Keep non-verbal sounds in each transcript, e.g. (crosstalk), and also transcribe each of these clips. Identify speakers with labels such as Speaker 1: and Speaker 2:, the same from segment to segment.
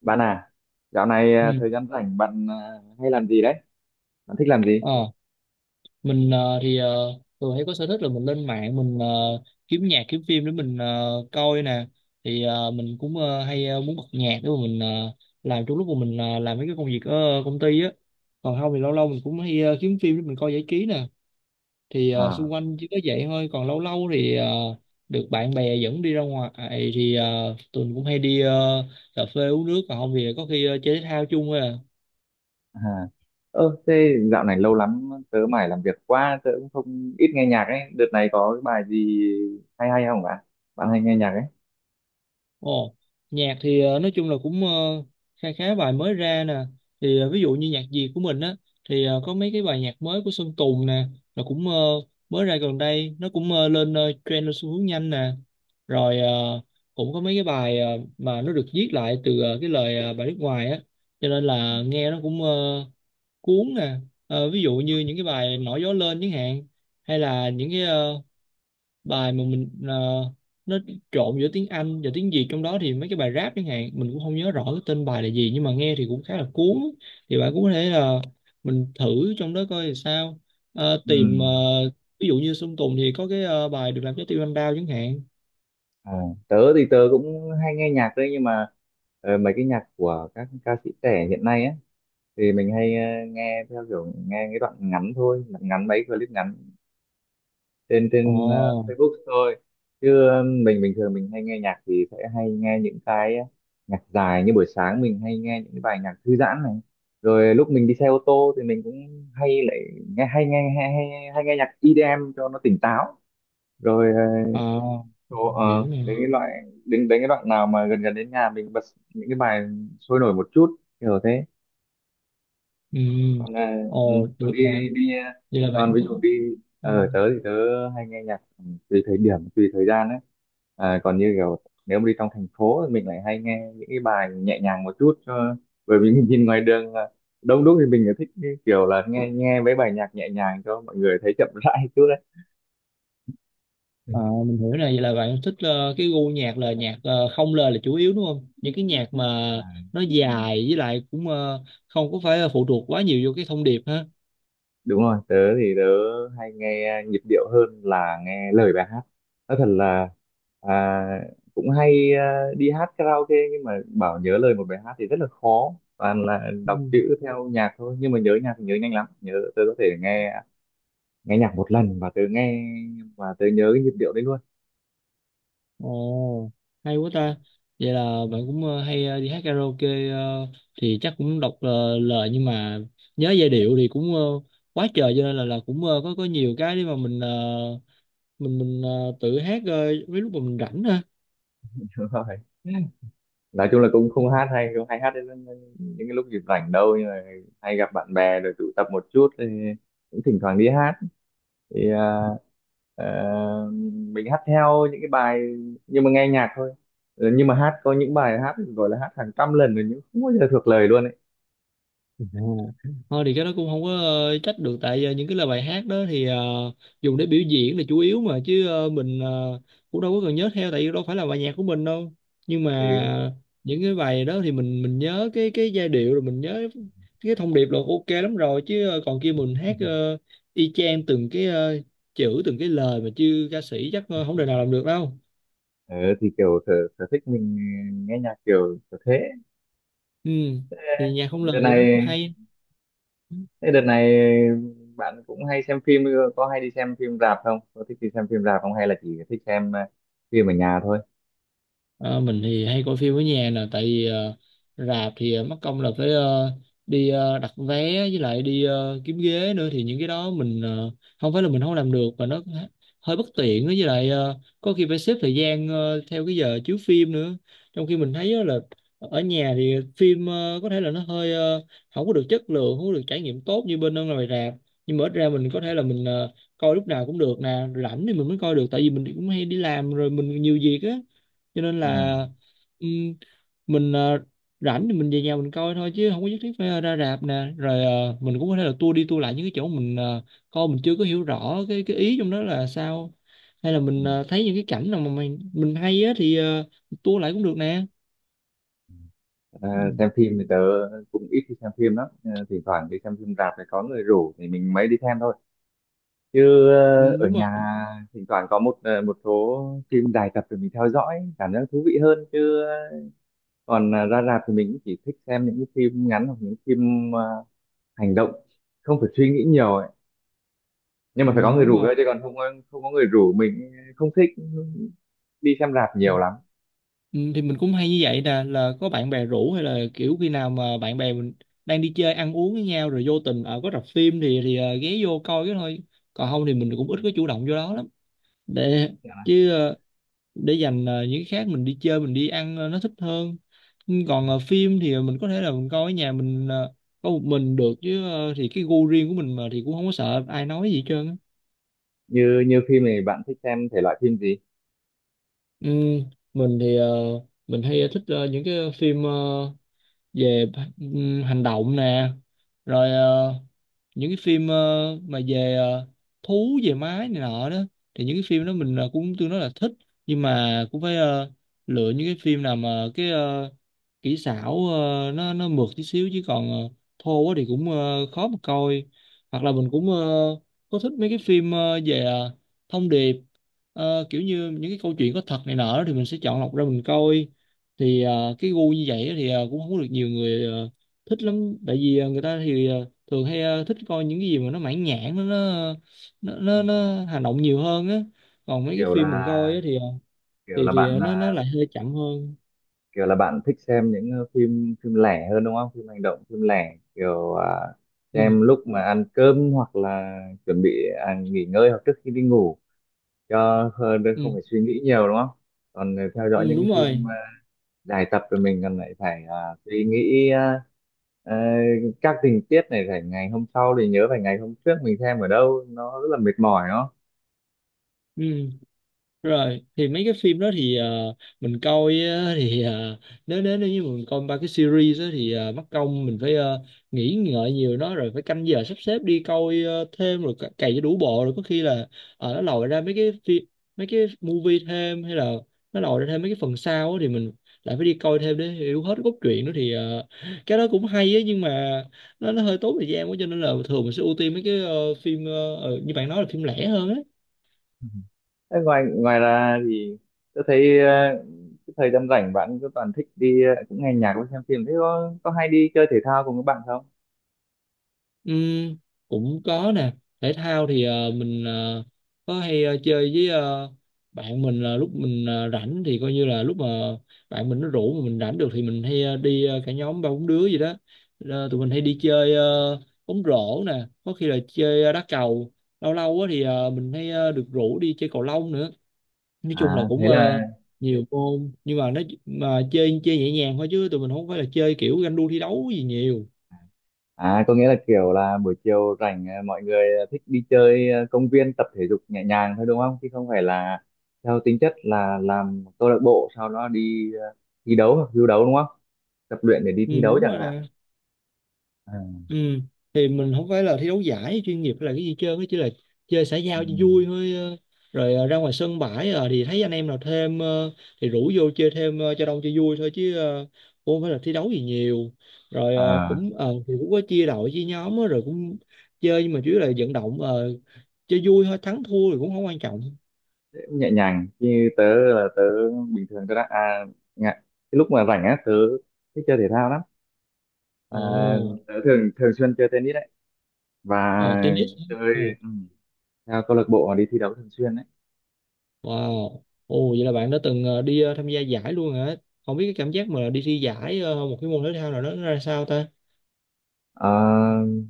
Speaker 1: Bạn à, dạo này à,
Speaker 2: Ừ.
Speaker 1: thời gian rảnh bạn à, hay làm gì đấy? Bạn thích làm gì?
Speaker 2: Ờ, mình thường hay có sở thích là mình lên mạng mình kiếm nhạc kiếm phim để mình coi nè. Thì mình cũng hay muốn bật nhạc để mà mình làm trong lúc mà mình làm mấy cái công việc ở công ty á. Còn không thì lâu lâu mình cũng hay kiếm phim để mình coi giải trí nè. Thì xung
Speaker 1: À,
Speaker 2: quanh chỉ có vậy thôi, còn lâu lâu thì được bạn bè dẫn đi ra ngoài. Thì tụi mình cũng hay đi cà phê uống nước, còn không thì có khi chơi thể thao chung thôi à.
Speaker 1: à. Ơ, thế dạo này lâu lắm tớ mải làm việc quá, tớ cũng không ít nghe nhạc ấy. Đợt này có cái bài gì hay hay không bạn? Bạn hay nghe nhạc ấy?
Speaker 2: Ồ, nhạc thì nói chung là cũng khá khá bài mới ra nè. Thì ví dụ như nhạc Việt của mình á, thì có mấy cái bài nhạc mới của Sơn Tùng nè, là cũng mới ra gần đây, nó cũng lên trend, lên xu hướng nhanh nè. Rồi cũng có mấy cái bài mà nó được viết lại từ cái lời bài nước ngoài á, cho nên là nghe nó cũng cuốn nè. Ờ, ví dụ như những cái bài Nổi gió lên chẳng hạn, hay là những cái bài mà mình nó trộn giữa tiếng Anh và tiếng Việt trong đó, thì mấy cái bài rap chẳng hạn, mình cũng không nhớ rõ cái tên bài là gì nhưng mà nghe thì cũng khá là cuốn. Thì bạn cũng có thể là mình thử trong đó coi thì sao. Ờ,
Speaker 1: Ừ.
Speaker 2: tìm ờ, ví dụ như Sơn Tùng thì có cái bài Được làm trái tim anh đau chẳng hạn.
Speaker 1: À, tớ thì tớ cũng hay nghe nhạc đấy, nhưng mà mấy cái nhạc của các ca sĩ trẻ hiện nay ấy thì mình hay nghe theo kiểu nghe cái đoạn ngắn thôi, ngắn mấy clip ngắn trên
Speaker 2: Ồ.
Speaker 1: trên Facebook thôi, chứ mình bình thường mình hay nghe nhạc thì sẽ hay nghe những cái nhạc dài, như buổi sáng mình hay nghe những cái bài nhạc thư giãn này, rồi lúc mình đi xe ô tô thì mình cũng hay lại nghe hay, hay, hay nghe nhạc EDM cho nó tỉnh táo, rồi
Speaker 2: ờ,
Speaker 1: chỗ
Speaker 2: hiểu nè.
Speaker 1: đến cái đoạn nào mà gần gần đến nhà mình bật những cái bài sôi nổi một chút kiểu thế.
Speaker 2: Ừ.
Speaker 1: Còn à, ừ,
Speaker 2: Ồ,
Speaker 1: còn
Speaker 2: được nè.
Speaker 1: đi đi à,
Speaker 2: Vậy là
Speaker 1: còn
Speaker 2: bạn
Speaker 1: ví
Speaker 2: thích.
Speaker 1: dụ đi
Speaker 2: Ừ.
Speaker 1: ở tớ thì tớ hay nghe nhạc ừ, tùy thời điểm tùy thời gian ấy, à, còn như kiểu nếu mà đi trong thành phố thì mình lại hay nghe những cái bài nhẹ nhàng một chút, cho bởi vì (laughs) mình nhìn ngoài đường là đông đúc thì mình lại thích cái kiểu là nghe nghe mấy bài nhạc nhẹ nhàng cho mọi người thấy chậm (laughs) rãi chút đấy.
Speaker 2: Ờ, mình hiểu này, vậy là bạn thích cái gu nhạc là nhạc không lời là chủ yếu đúng không? Những cái nhạc mà
Speaker 1: Ừ.
Speaker 2: nó dài, với lại cũng không có phải phụ thuộc quá nhiều vô cái thông điệp ha.
Speaker 1: Đúng rồi, tớ thì tớ hay nghe nhịp điệu hơn là nghe lời bài hát, nói thật là à, cũng hay à, đi hát karaoke nhưng mà bảo nhớ lời một bài hát thì rất là khó, toàn là
Speaker 2: Ừ.
Speaker 1: đọc chữ theo nhạc thôi, nhưng mà nhớ nhạc thì nhớ nhanh lắm, nhớ tớ có thể nghe nghe nhạc một lần và tớ nghe và tớ nhớ cái nhịp điệu đấy luôn.
Speaker 2: Ồ, hay quá ta. Vậy là bạn cũng hay đi hát karaoke, thì chắc cũng đọc lời nhưng mà nhớ giai điệu thì cũng quá trời, cho nên là cũng có nhiều cái để mà mình mình tự hát mấy lúc mà mình rảnh ha.
Speaker 1: (laughs) Đúng rồi, nói chung là cũng
Speaker 2: Ừ.
Speaker 1: không hát hay, không hay hát đến những cái lúc dịp rảnh đâu, nhưng mà hay gặp bạn bè rồi tụ tập một chút thì cũng thỉnh thoảng đi hát, thì à, à, mình hát theo những cái bài nhưng mà nghe nhạc thôi. Ừ, nhưng mà hát có những bài hát gọi là hát hàng trăm lần rồi nhưng không bao giờ thuộc lời luôn ấy.
Speaker 2: À, thôi thì cái đó cũng không có trách được, tại những cái lời bài hát đó thì dùng để biểu diễn là chủ yếu mà, chứ mình cũng đâu có cần nhớ theo, tại vì đâu phải là bài nhạc của mình đâu. Nhưng
Speaker 1: Ừ.
Speaker 2: mà những cái bài đó thì mình nhớ cái giai điệu, rồi mình nhớ cái thông điệp là ok lắm rồi, chứ còn kia mình hát y chang từng cái chữ từng cái lời mà, chứ ca sĩ chắc không đời nào làm được đâu.
Speaker 1: Ờ, thì kiểu sở thích mình nghe nhạc kiểu kiểu thế.
Speaker 2: Ừ,
Speaker 1: Thế
Speaker 2: thì nhạc không lời
Speaker 1: đợt
Speaker 2: thì nó cũng
Speaker 1: này
Speaker 2: hay.
Speaker 1: thế đợt này bạn cũng hay xem phim ừ, có hay đi xem phim rạp không, có thích đi xem phim rạp không, hay là chỉ thích xem phim ở nhà thôi?
Speaker 2: Ờ, mình thì hay coi phim ở nhà nè, tại vì rạp thì mất công là phải đi đặt vé, với lại đi kiếm ghế nữa, thì những cái đó mình không phải là mình không làm được mà nó hơi bất tiện nữa. Với lại có khi phải xếp thời gian theo cái giờ chiếu phim nữa, trong khi mình thấy á là ở nhà thì phim có thể là nó hơi không có được chất lượng, không có được trải nghiệm tốt như bên ở ngoài rạp, nhưng mà ít ra mình có thể là mình coi lúc nào cũng được nè, rảnh thì mình mới coi được, tại vì mình cũng hay đi làm rồi mình nhiều việc á, cho nên
Speaker 1: À.
Speaker 2: là ừm, mình rảnh thì mình về nhà mình coi thôi, chứ không có nhất thiết phải ra rạp nè. Rồi
Speaker 1: Ừ,
Speaker 2: mình cũng có thể là tua đi tua lại những cái chỗ mình coi mình chưa có hiểu rõ cái ý trong đó là sao, hay là
Speaker 1: ừ.
Speaker 2: mình thấy những cái cảnh nào mà mình hay á thì tua lại cũng được nè.
Speaker 1: Ờ,
Speaker 2: Ừ,
Speaker 1: xem phim thì tớ cũng ít đi xem phim lắm. Ờ, thỉnh thoảng đi xem phim rạp thì có người rủ thì mình mới đi xem thôi, chứ
Speaker 2: ừ,
Speaker 1: ở
Speaker 2: đúng rồi.
Speaker 1: nhà thỉnh thoảng có một một số phim dài tập thì mình theo dõi cảm giác thú vị hơn, chứ còn ra rạp thì mình cũng chỉ thích xem những cái phim ngắn hoặc những phim hành động, không phải suy nghĩ nhiều ấy. Nhưng
Speaker 2: Ừ,
Speaker 1: mà phải có người
Speaker 2: đúng
Speaker 1: rủ
Speaker 2: rồi.
Speaker 1: thôi chứ còn không có người rủ mình không thích đi xem rạp
Speaker 2: Ừ.
Speaker 1: nhiều lắm.
Speaker 2: Ừ, thì mình cũng hay như vậy nè, là có bạn bè rủ, hay là kiểu khi nào mà bạn bè mình đang đi chơi ăn uống với nhau rồi vô tình ở có rạp phim thì ghé vô coi cái thôi, còn không thì mình cũng ít có chủ động vô đó lắm để chứ để dành những cái khác mình đi chơi mình đi ăn nó thích hơn. Ừ, còn phim thì mình có thể là mình coi ở nhà, mình có một mình được, chứ thì cái gu riêng của mình mà thì cũng không có sợ ai nói gì hết trơn á.
Speaker 1: Như như phim này bạn thích xem thể loại phim gì?
Speaker 2: Ừ, mình thì mình hay thích những cái phim về hành động nè, rồi những cái phim mà về thú về máy này nọ đó, thì những cái phim đó mình cũng tương đối là thích, nhưng mà cũng phải lựa những cái phim nào mà cái kỹ xảo nó mượt tí xíu chứ còn thô quá thì cũng khó mà coi. Hoặc là mình cũng có thích mấy cái phim về thông điệp. Ờ, kiểu như những cái câu chuyện có thật này nọ đó, thì mình sẽ chọn lọc ra mình coi. Thì cái gu như vậy thì cũng không có được nhiều người thích lắm, tại vì người ta thì thường hay thích coi những cái gì mà nó mãn nhãn, nó,
Speaker 1: Ừ.
Speaker 2: nó hành động nhiều hơn á, còn mấy cái
Speaker 1: Kiểu
Speaker 2: phim mình
Speaker 1: là
Speaker 2: coi á thì
Speaker 1: kiểu là bạn à,
Speaker 2: nó lại hơi chậm hơn.
Speaker 1: kiểu là bạn thích xem những phim phim lẻ hơn đúng không, phim hành động phim lẻ kiểu à,
Speaker 2: Ừ,
Speaker 1: xem lúc mà ăn cơm hoặc là chuẩn bị à, nghỉ ngơi hoặc trước khi đi ngủ cho hơn, đừng
Speaker 2: ừ,
Speaker 1: không phải suy nghĩ nhiều đúng không? Còn theo dõi
Speaker 2: ừ,
Speaker 1: những cái
Speaker 2: đúng rồi.
Speaker 1: phim dài tập thì mình còn lại phải à, suy nghĩ à, ờ, các tình tiết này, phải ngày hôm sau thì nhớ phải ngày hôm trước mình xem ở đâu, nó rất là mệt mỏi đó.
Speaker 2: Ừ, rồi thì mấy cái phim đó thì mình coi á, thì nếu nếu nếu như mình coi ba cái series đó, thì mất công mình phải nghĩ ngợi nhiều, nó rồi phải canh giờ sắp xếp đi coi thêm, rồi cày cho đủ bộ, rồi có khi là nó lòi ra mấy cái phim, mấy cái movie thêm, hay là nó lòi ra thêm mấy cái phần sau á, thì mình lại phải đi coi thêm để hiểu hết cốt truyện nữa, thì cái đó cũng hay ấy, nhưng mà nó hơi tốn thời gian quá, cho nên là thường mình sẽ ưu tiên mấy cái phim như bạn nói là phim lẻ hơn á.
Speaker 1: Thế ngoài ngoài ra thì tôi thấy cái thời gian rảnh bạn cứ toàn thích đi cũng nghe nhạc với xem phim, thế có hay đi chơi thể thao cùng các bạn không?
Speaker 2: Ừm, cũng có nè. Thể thao thì mình có hay chơi với bạn mình, là lúc mình rảnh thì coi như là lúc mà bạn mình nó rủ mà mình rảnh được thì mình hay đi cả nhóm ba bốn đứa gì đó. Ờ, tụi mình hay đi chơi bóng rổ nè, có khi là chơi đá cầu, lâu lâu á thì mình hay được rủ đi chơi cầu lông nữa. Nói chung là
Speaker 1: À
Speaker 2: cũng
Speaker 1: thế là
Speaker 2: nhiều môn, nhưng mà nó mà chơi chơi nhẹ nhàng thôi chứ tụi mình không phải là chơi kiểu ganh đua thi đấu gì nhiều.
Speaker 1: à, có nghĩa là kiểu là buổi chiều rảnh mọi người thích đi chơi công viên tập thể dục nhẹ nhàng thôi đúng không, chứ không phải là theo tính chất là làm câu lạc bộ sau đó đi thi đấu hoặc du đấu đúng không, tập luyện để đi
Speaker 2: Ừ,
Speaker 1: thi đấu
Speaker 2: đúng
Speaker 1: chẳng
Speaker 2: rồi
Speaker 1: hạn?
Speaker 2: nè.
Speaker 1: À,
Speaker 2: Ừ. Thì mình không phải là thi đấu giải chuyên nghiệp hay là cái gì, chơi chỉ là chơi xã giao cho vui thôi ờ. Rồi ra ngoài sân bãi thì thấy anh em nào thêm thì rủ vô chơi thêm cho đông cho vui thôi, chứ cũng không phải là thi đấu gì nhiều. Rồi
Speaker 1: ừ.
Speaker 2: thì cũng có chia đội chia nhóm á, rồi cũng chơi, nhưng mà chủ yếu là vận động chơi vui thôi, thắng thua thì cũng không quan trọng.
Speaker 1: Thế cũng nhẹ nhàng như tớ là tớ bình thường tớ đã à, ngại. Cái lúc mà rảnh á tớ thích chơi thể thao lắm, à,
Speaker 2: Ồ.
Speaker 1: tớ thường thường xuyên chơi tennis đấy, và
Speaker 2: Ờ, tennis.
Speaker 1: chơi
Speaker 2: Ồ.
Speaker 1: ừ, theo câu lạc bộ đi thi đấu thường xuyên đấy.
Speaker 2: Wow. Ồ, vậy là bạn đã từng đi tham gia giải luôn hả? Không biết cái cảm giác mà đi thi giải một cái môn thể thao nào đó nó ra sao ta?
Speaker 1: À,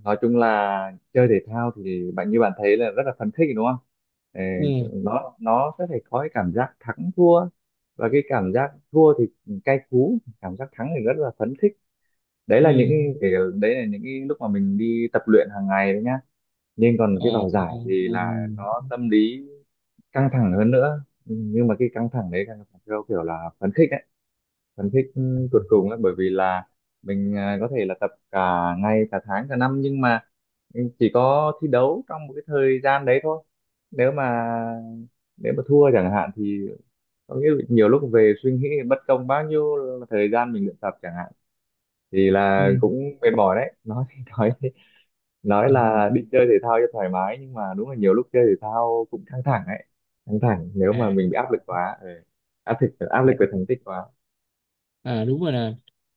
Speaker 1: nói chung là chơi thể thao thì bạn như bạn thấy là rất là phấn khích đúng không? Ờ,
Speaker 2: Ừ,
Speaker 1: nó sẽ phải có cái cảm giác thắng thua, và cái cảm giác thua thì cay cú, cảm giác thắng thì rất là phấn khích. Đấy là những
Speaker 2: ừ,
Speaker 1: cái, đấy là những cái lúc mà mình đi tập luyện hàng ngày đấy nhá, nhưng còn
Speaker 2: ờ,
Speaker 1: cái vào
Speaker 2: ờ, ờ,
Speaker 1: giải thì
Speaker 2: ừ,
Speaker 1: là nó tâm lý căng thẳng hơn nữa. Ừ, nhưng mà cái căng thẳng đấy căng thẳng theo kiểu là phấn khích đấy, phấn khích ừ, tột cùng ấy, bởi vì là mình à, có thể là tập cả ngày cả tháng cả năm, nhưng mà ừ, chỉ có thi đấu trong một cái thời gian đấy thôi, nếu mà nếu mà thua chẳng hạn thì có nghĩa là nhiều lúc về suy nghĩ bất công bao nhiêu là thời gian mình luyện tập chẳng hạn, thì là
Speaker 2: ừ,
Speaker 1: cũng mệt mỏi đấy, nói thì (laughs) nói
Speaker 2: ừ. Ừ.
Speaker 1: là đi chơi thể thao cho thoải mái nhưng mà đúng là nhiều lúc chơi thể thao cũng căng thẳng ấy, căng thẳng nếu
Speaker 2: À.
Speaker 1: mà mình bị áp lực quá. Ừ. Áp lực, áp lực
Speaker 2: À.
Speaker 1: về thành tích quá.
Speaker 2: À, đúng rồi nè.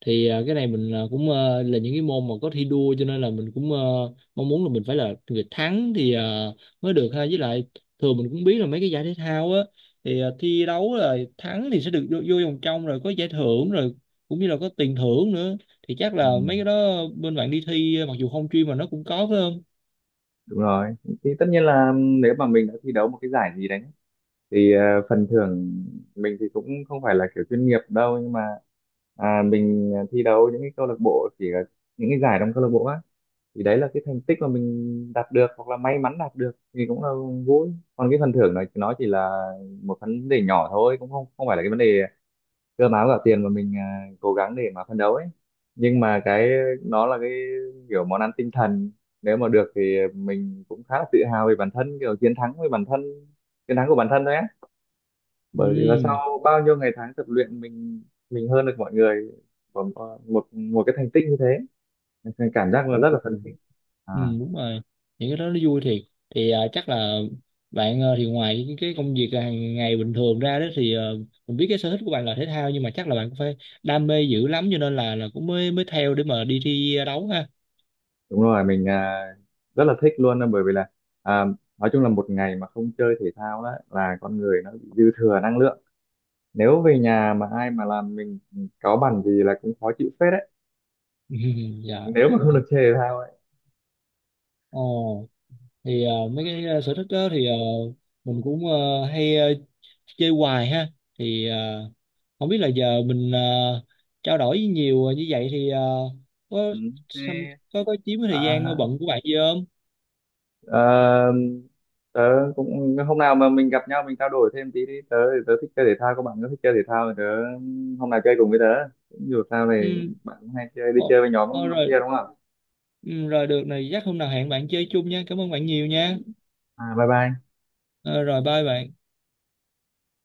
Speaker 2: Thì cái này mình cũng là những cái môn mà có thi đua, cho nên là mình cũng mong muốn là mình phải là người thắng thì mới được ha. Với lại thường mình cũng biết là mấy cái giải thể thao á, thì thi đấu là thắng thì sẽ được vô vòng trong, rồi có giải thưởng, rồi cũng như là có tiền thưởng nữa. Thì chắc
Speaker 1: Ừ.
Speaker 2: là mấy cái đó bên bạn đi thi, mặc dù không chuyên mà nó cũng có phải không?
Speaker 1: Đúng rồi, thì tất nhiên là nếu mà mình đã thi đấu một cái giải gì đấy thì phần thưởng, mình thì cũng không phải là kiểu chuyên nghiệp đâu, nhưng mà à, mình thi đấu những cái câu lạc bộ, chỉ là những cái giải trong câu lạc bộ á, thì đấy là cái thành tích mà mình đạt được hoặc là may mắn đạt được thì cũng là vui. Còn cái phần thưởng này nó chỉ là một vấn đề nhỏ thôi, cũng không không phải là cái vấn đề cơm áo gạo tiền mà mình à, cố gắng để mà phấn đấu ấy. Nhưng mà cái, nó là cái kiểu món ăn tinh thần, nếu mà được thì mình cũng khá là tự hào về bản thân, kiểu chiến thắng với bản thân, chiến thắng của bản thân thôi á, bởi vì là
Speaker 2: Ừ.
Speaker 1: sau bao nhiêu ngày tháng tập luyện mình hơn được mọi người một một cái thành tích như thế. Nên cảm giác là
Speaker 2: Ồ.
Speaker 1: rất là phấn khích. À
Speaker 2: Ừ, đúng rồi, những cái đó nó vui thiệt. Thì chắc là bạn thì ngoài những cái công việc hàng ngày bình thường ra đó thì mình biết cái sở thích của bạn là thể thao, nhưng mà chắc là bạn cũng phải đam mê dữ lắm cho nên là cũng mới mới theo để mà đi thi đấu ha.
Speaker 1: đúng rồi, mình à, rất là thích luôn á, bởi vì là à, nói chung là một ngày mà không chơi thể thao đó là con người nó bị dư thừa năng lượng, nếu về nhà mà ai mà làm mình cáu bẳn gì là cũng khó chịu phết đấy,
Speaker 2: (laughs) Dạ.
Speaker 1: nếu mà không được chơi thể thao ấy.
Speaker 2: Ồ, thì mấy cái sở thích đó thì mình cũng hay chơi hoài ha. Thì không biết là giờ mình trao đổi nhiều như vậy thì có
Speaker 1: Ừ.
Speaker 2: xăm-
Speaker 1: Thế,
Speaker 2: có chiếm cái
Speaker 1: à,
Speaker 2: thời gian bận của bạn gì không.
Speaker 1: Ờ, tớ cũng hôm nào mà mình gặp nhau mình trao đổi thêm tí đi, tớ thì tớ thích chơi thể thao, các bạn có thích chơi thể thao thì tớ hôm nào chơi cùng với tớ, cũng dù sao thì
Speaker 2: Ừ.
Speaker 1: bạn cũng hay chơi đi
Speaker 2: Ồ,
Speaker 1: chơi với
Speaker 2: ờ,
Speaker 1: nhóm lắm kia
Speaker 2: rồi.
Speaker 1: đúng không?
Speaker 2: Ừ, rồi được này, chắc hôm nào hẹn bạn chơi chung nha, cảm ơn bạn nhiều nha.
Speaker 1: À bye bye.
Speaker 2: Ờ, rồi bye bạn.